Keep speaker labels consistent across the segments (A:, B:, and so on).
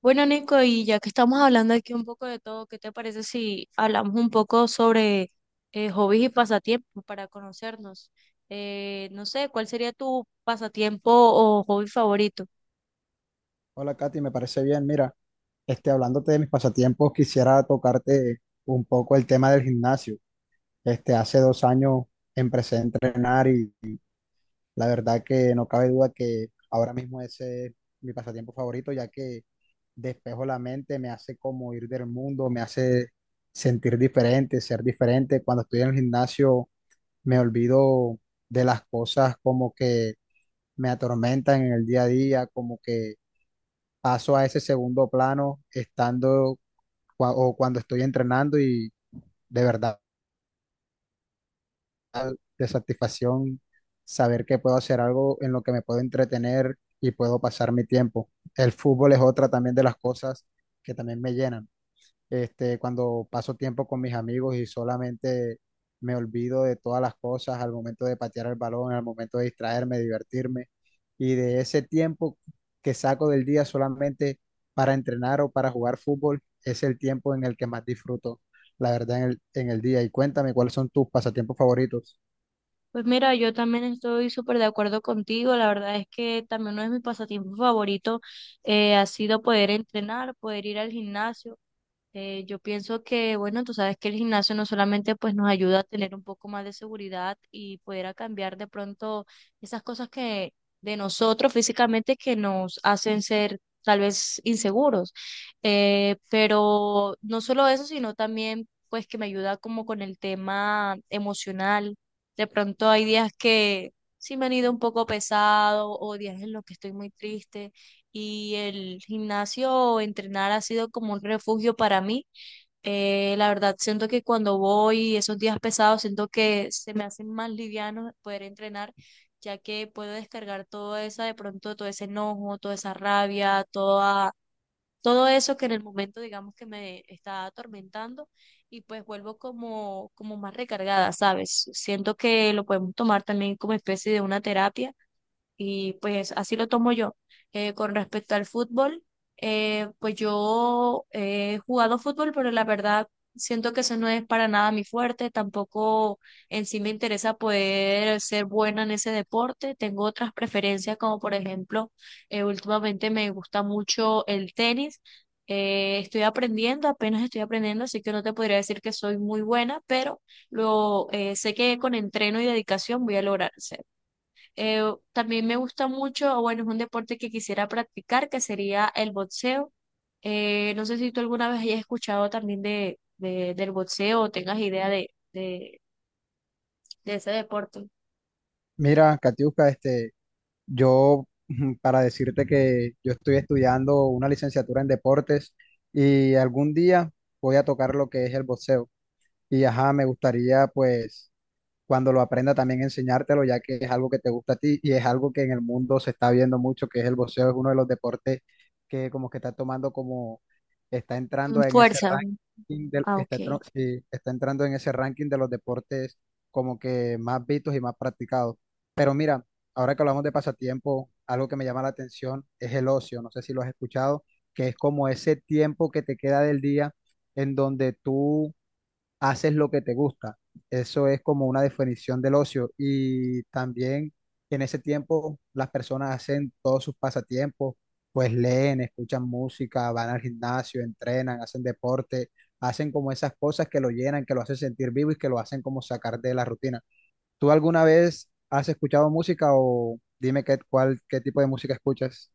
A: Bueno, Nico, y ya que estamos hablando aquí un poco de todo, ¿qué te parece si hablamos un poco sobre hobbies y pasatiempos para conocernos? No sé, ¿cuál sería tu pasatiempo o hobby favorito?
B: Hola Katy, me parece bien. Mira, hablándote de mis pasatiempos, quisiera tocarte un poco el tema del gimnasio. Este, hace 2 años empecé a entrenar y la verdad que no cabe duda que ahora mismo ese es mi pasatiempo favorito, ya que despejo la mente, me hace como ir del mundo, me hace sentir diferente, ser diferente. Cuando estoy en el gimnasio me olvido de las cosas como que me atormentan en el día a día, como que paso a ese segundo plano estando o cuando estoy entrenando y de verdad de satisfacción saber que puedo hacer algo en lo que me puedo entretener y puedo pasar mi tiempo. El fútbol es otra también de las cosas que también me llenan. Este, cuando paso tiempo con mis amigos y solamente me olvido de todas las cosas al momento de patear el balón, al momento de distraerme, divertirme, y de ese tiempo que saco del día solamente para entrenar o para jugar fútbol, es el tiempo en el que más disfruto, la verdad, en el día. Y cuéntame, ¿cuáles son tus pasatiempos favoritos?
A: Pues mira, yo también estoy súper de acuerdo contigo. La verdad es que también uno de mis pasatiempos favoritos ha sido poder entrenar, poder ir al gimnasio. Yo pienso que, bueno, tú sabes que el gimnasio no solamente pues nos ayuda a tener un poco más de seguridad y poder a cambiar de pronto esas cosas que de nosotros físicamente que nos hacen ser tal vez inseguros. Pero no solo eso, sino también pues que me ayuda como con el tema emocional. De pronto hay días que sí me han ido un poco pesado o días en los que estoy muy triste y el gimnasio o entrenar ha sido como un refugio para mí. La verdad, siento que cuando voy esos días pesados, siento que se me hacen más livianos poder entrenar, ya que puedo descargar toda esa, de pronto, todo ese enojo, toda esa rabia, toda, todo eso que en el momento, digamos, que me está atormentando y pues vuelvo como, como más recargada, ¿sabes? Siento que lo podemos tomar también como especie de una terapia y pues así lo tomo yo. Con respecto al fútbol, pues yo he jugado fútbol, pero la verdad siento que eso no es para nada mi fuerte. Tampoco en sí me interesa poder ser buena en ese deporte. Tengo otras preferencias, como por ejemplo, últimamente me gusta mucho el tenis. Estoy aprendiendo, apenas estoy aprendiendo, así que no te podría decir que soy muy buena, pero lo sé que con entreno y dedicación voy a lograr. Eh, También me gusta mucho, o bueno, es un deporte que quisiera practicar, que sería el boxeo. No sé si tú alguna vez hayas escuchado también del boxeo o tengas idea de ese deporte.
B: Mira, Katiuska, yo, para decirte que yo estoy estudiando una licenciatura en deportes y algún día voy a tocar lo que es el boxeo. Y ajá, me gustaría pues cuando lo aprenda también enseñártelo, ya que es algo que te gusta a ti y es algo que en el mundo se está viendo mucho, que es el boxeo, es uno de los deportes que como que está tomando como, está
A: Mm.
B: entrando en ese
A: Fuerza.
B: ranking del,
A: Ah,
B: está,
A: ok.
B: tro- sí, está entrando en ese ranking de los deportes como que más vistos y más practicados. Pero mira, ahora que hablamos de pasatiempo, algo que me llama la atención es el ocio, no sé si lo has escuchado, que es como ese tiempo que te queda del día en donde tú haces lo que te gusta. Eso es como una definición del ocio. Y también en ese tiempo las personas hacen todos sus pasatiempos, pues leen, escuchan música, van al gimnasio, entrenan, hacen deporte, hacen como esas cosas que lo llenan, que lo hacen sentir vivo y que lo hacen como sacar de la rutina. ¿Tú alguna vez has escuchado música o dime qué tipo de música escuchas?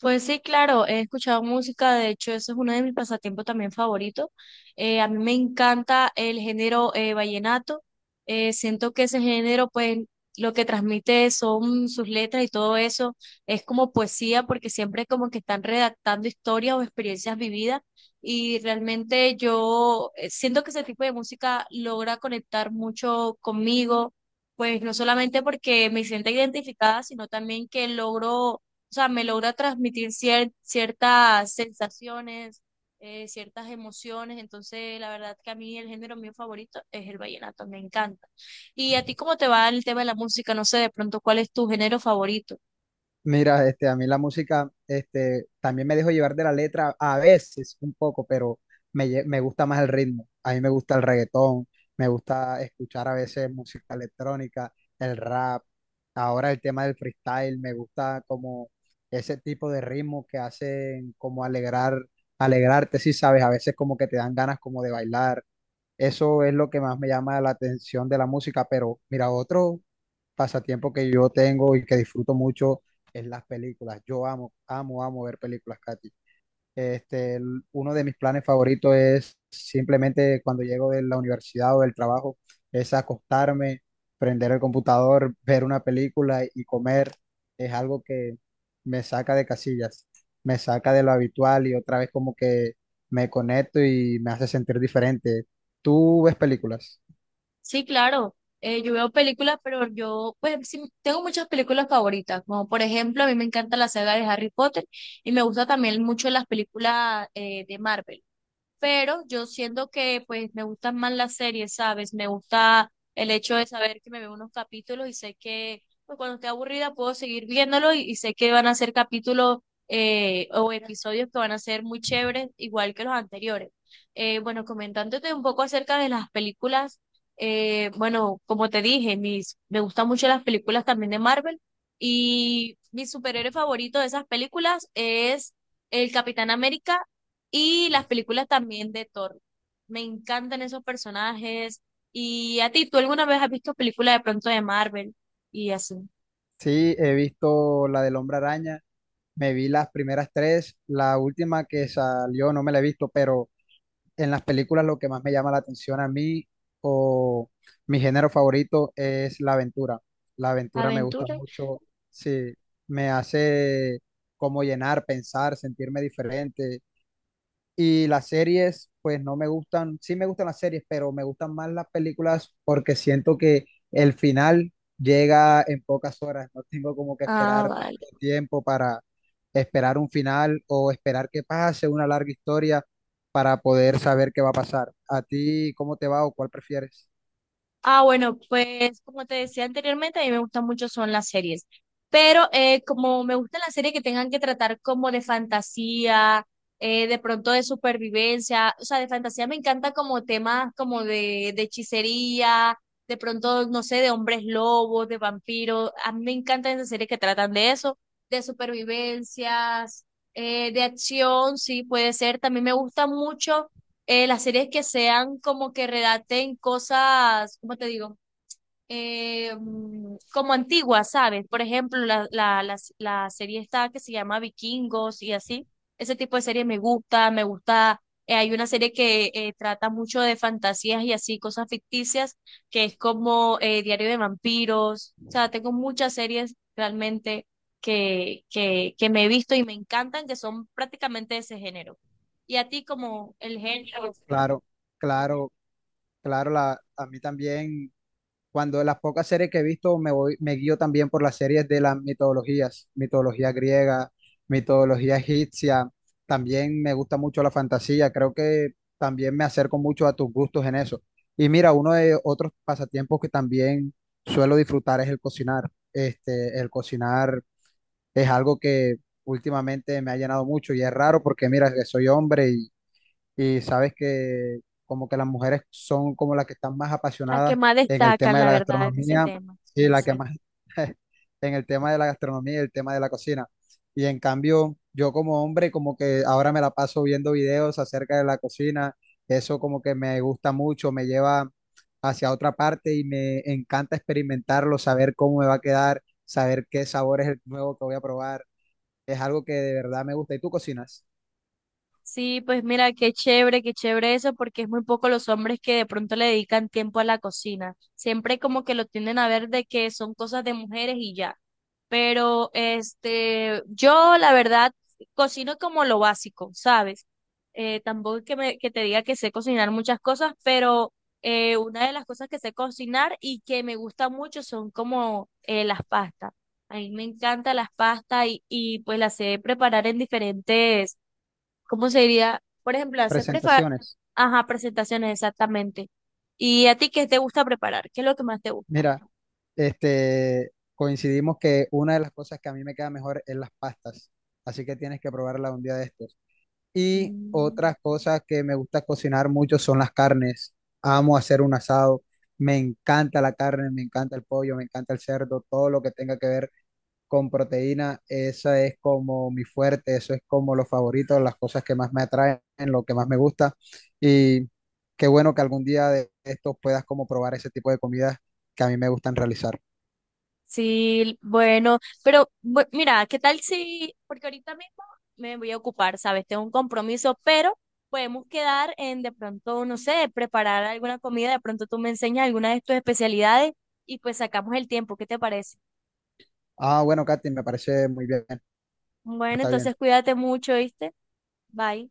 A: Pues sí, claro, he escuchado música, de hecho eso es uno de mis pasatiempos también favoritos. A mí me encanta el género vallenato. Siento que ese género pues lo que transmite son sus letras y todo eso, es como poesía porque siempre como que están redactando historias o experiencias vividas y realmente yo siento que ese tipo de música logra conectar mucho conmigo, pues no solamente porque me siento identificada, sino también que logro o sea, me logra transmitir ciertas sensaciones, ciertas emociones, entonces la verdad que a mí el género mío favorito es el vallenato, me encanta. ¿Y a ti cómo te va el tema de la música? No sé, de pronto, ¿cuál es tu género favorito?
B: Mira, a mí la música, también me dejo llevar de la letra a veces un poco, pero me gusta más el ritmo. A mí me gusta el reggaetón, me gusta escuchar a veces música electrónica, el rap. Ahora el tema del freestyle, me gusta como ese tipo de ritmo que hacen como alegrar, alegrarte, si sabes, a veces como que te dan ganas como de bailar. Eso es lo que más me llama la atención de la música, pero mira, otro pasatiempo que yo tengo y que disfruto mucho es las películas. Yo amo, amo, amo ver películas, Katy. Uno de mis planes favoritos es simplemente cuando llego de la universidad o del trabajo, es acostarme, prender el computador, ver una película y comer. Es algo que me saca de casillas, me saca de lo habitual y otra vez como que me conecto y me hace sentir diferente. ¿Tú ves películas?
A: Sí, claro. Yo veo películas, pero yo, pues, sí, tengo muchas películas favoritas, como por ejemplo, a mí me encanta la saga de Harry Potter y me gusta también mucho las películas de Marvel. Pero yo siento que pues me gustan más las series, ¿sabes? Me gusta el hecho de saber que me veo unos capítulos y sé que pues, cuando esté aburrida puedo seguir viéndolo y sé que van a ser capítulos o episodios que van a ser muy chéveres, igual que los anteriores. Bueno, comentándote un poco acerca de las películas, bueno, como te dije, mis, me gustan mucho las películas también de Marvel y mi superhéroe favorito de esas películas es el Capitán América y las películas también de Thor. Me encantan esos personajes. Y a ti, ¿tú alguna vez has visto películas de pronto de Marvel y así?
B: Sí, he visto la del Hombre Araña, me vi las primeras tres, la última que salió no me la he visto, pero en las películas lo que más me llama la atención a mí o mi género favorito es la aventura. La aventura me gusta
A: Aventura.
B: mucho, sí, me hace como llenar, pensar, sentirme diferente. Y las series, pues no me gustan, sí me gustan las series, pero me gustan más las películas porque siento que el final llega en pocas horas, no tengo como que
A: Ah,
B: esperar
A: vale.
B: tanto tiempo para esperar un final o esperar que pase una larga historia para poder saber qué va a pasar. ¿A ti cómo te va o cuál prefieres?
A: Ah, bueno, pues como te decía anteriormente, a mí me gustan mucho son las series, pero como me gustan las series que tengan que tratar como de fantasía, de pronto de supervivencia, o sea, de fantasía me encanta como temas como de hechicería, de pronto, no sé, de hombres lobos, de vampiros, a mí me encantan esas series que tratan de eso, de supervivencias, de acción, sí, puede ser, también me gusta mucho las series que sean como que redacten cosas, ¿cómo te digo? Como antiguas, ¿sabes? Por ejemplo, la serie esta que se llama Vikingos y así. Ese tipo de series me gusta, me gusta. Hay una serie que trata mucho de fantasías y así, cosas ficticias, que es como Diario de Vampiros. O sea, tengo muchas series realmente que me he visto y me encantan, que son prácticamente de ese género. Y a ti como el género.
B: Claro, claro, claro, la, a mí también. Cuando de las pocas series que he visto me voy, me guío también por las series de las mitologías, mitología griega, mitología egipcia. También me gusta mucho la fantasía. Creo que también me acerco mucho a tus gustos en eso. Y mira, uno de otros pasatiempos que también suelo disfrutar es el cocinar. Este, el cocinar es algo que últimamente me ha llenado mucho y es raro porque mira, que soy hombre y sabes que como que las mujeres son como las que están más
A: Las que
B: apasionadas
A: más
B: en el
A: destacan,
B: tema de
A: la
B: la
A: verdad, en ese
B: gastronomía,
A: tema.
B: sí, la que
A: Sí.
B: más en el tema de la gastronomía y el tema de la cocina. Y en cambio, yo como hombre como que ahora me la paso viendo videos acerca de la cocina, eso como que me gusta mucho, me lleva hacia otra parte y me encanta experimentarlo, saber cómo me va a quedar, saber qué sabor es el nuevo que voy a probar. Es algo que de verdad me gusta. ¿Y tú cocinas?
A: Sí, pues mira, qué chévere eso, porque es muy poco los hombres que de pronto le dedican tiempo a la cocina. Siempre como que lo tienden a ver de que son cosas de mujeres y ya. Pero este, yo la verdad cocino como lo básico, ¿sabes? Tampoco es que me, que te diga que sé cocinar muchas cosas, pero una de las cosas que sé cocinar y que me gusta mucho son como las pastas. A mí me encantan las pastas y pues las sé preparar en diferentes. ¿Cómo sería? Por ejemplo, hacer
B: Presentaciones.
A: Ajá, presentaciones exactamente. ¿Y a ti qué te gusta preparar? ¿Qué es lo que más te gusta?
B: Mira, coincidimos que una de las cosas que a mí me queda mejor es las pastas, así que tienes que probarla un día de estos. Y
A: Mm.
B: otras cosas que me gusta cocinar mucho son las carnes. Amo hacer un asado, me encanta la carne, me encanta el pollo, me encanta el cerdo, todo lo que tenga que ver con proteína, esa es como mi fuerte, eso es como lo favorito, las cosas que más me atraen, lo que más me gusta. Y qué bueno que algún día de estos puedas como probar ese tipo de comidas que a mí me gustan realizar.
A: Sí, bueno, pero mira, ¿qué tal si, porque ahorita mismo me voy a ocupar, ¿sabes? Tengo un compromiso, pero podemos quedar en de pronto, no sé, preparar alguna comida, de pronto tú me enseñas alguna de tus especialidades y pues sacamos el tiempo, ¿qué te parece?
B: Ah, bueno, Katy, me parece muy bien,
A: Bueno,
B: está bien.
A: entonces cuídate mucho, ¿viste? Bye.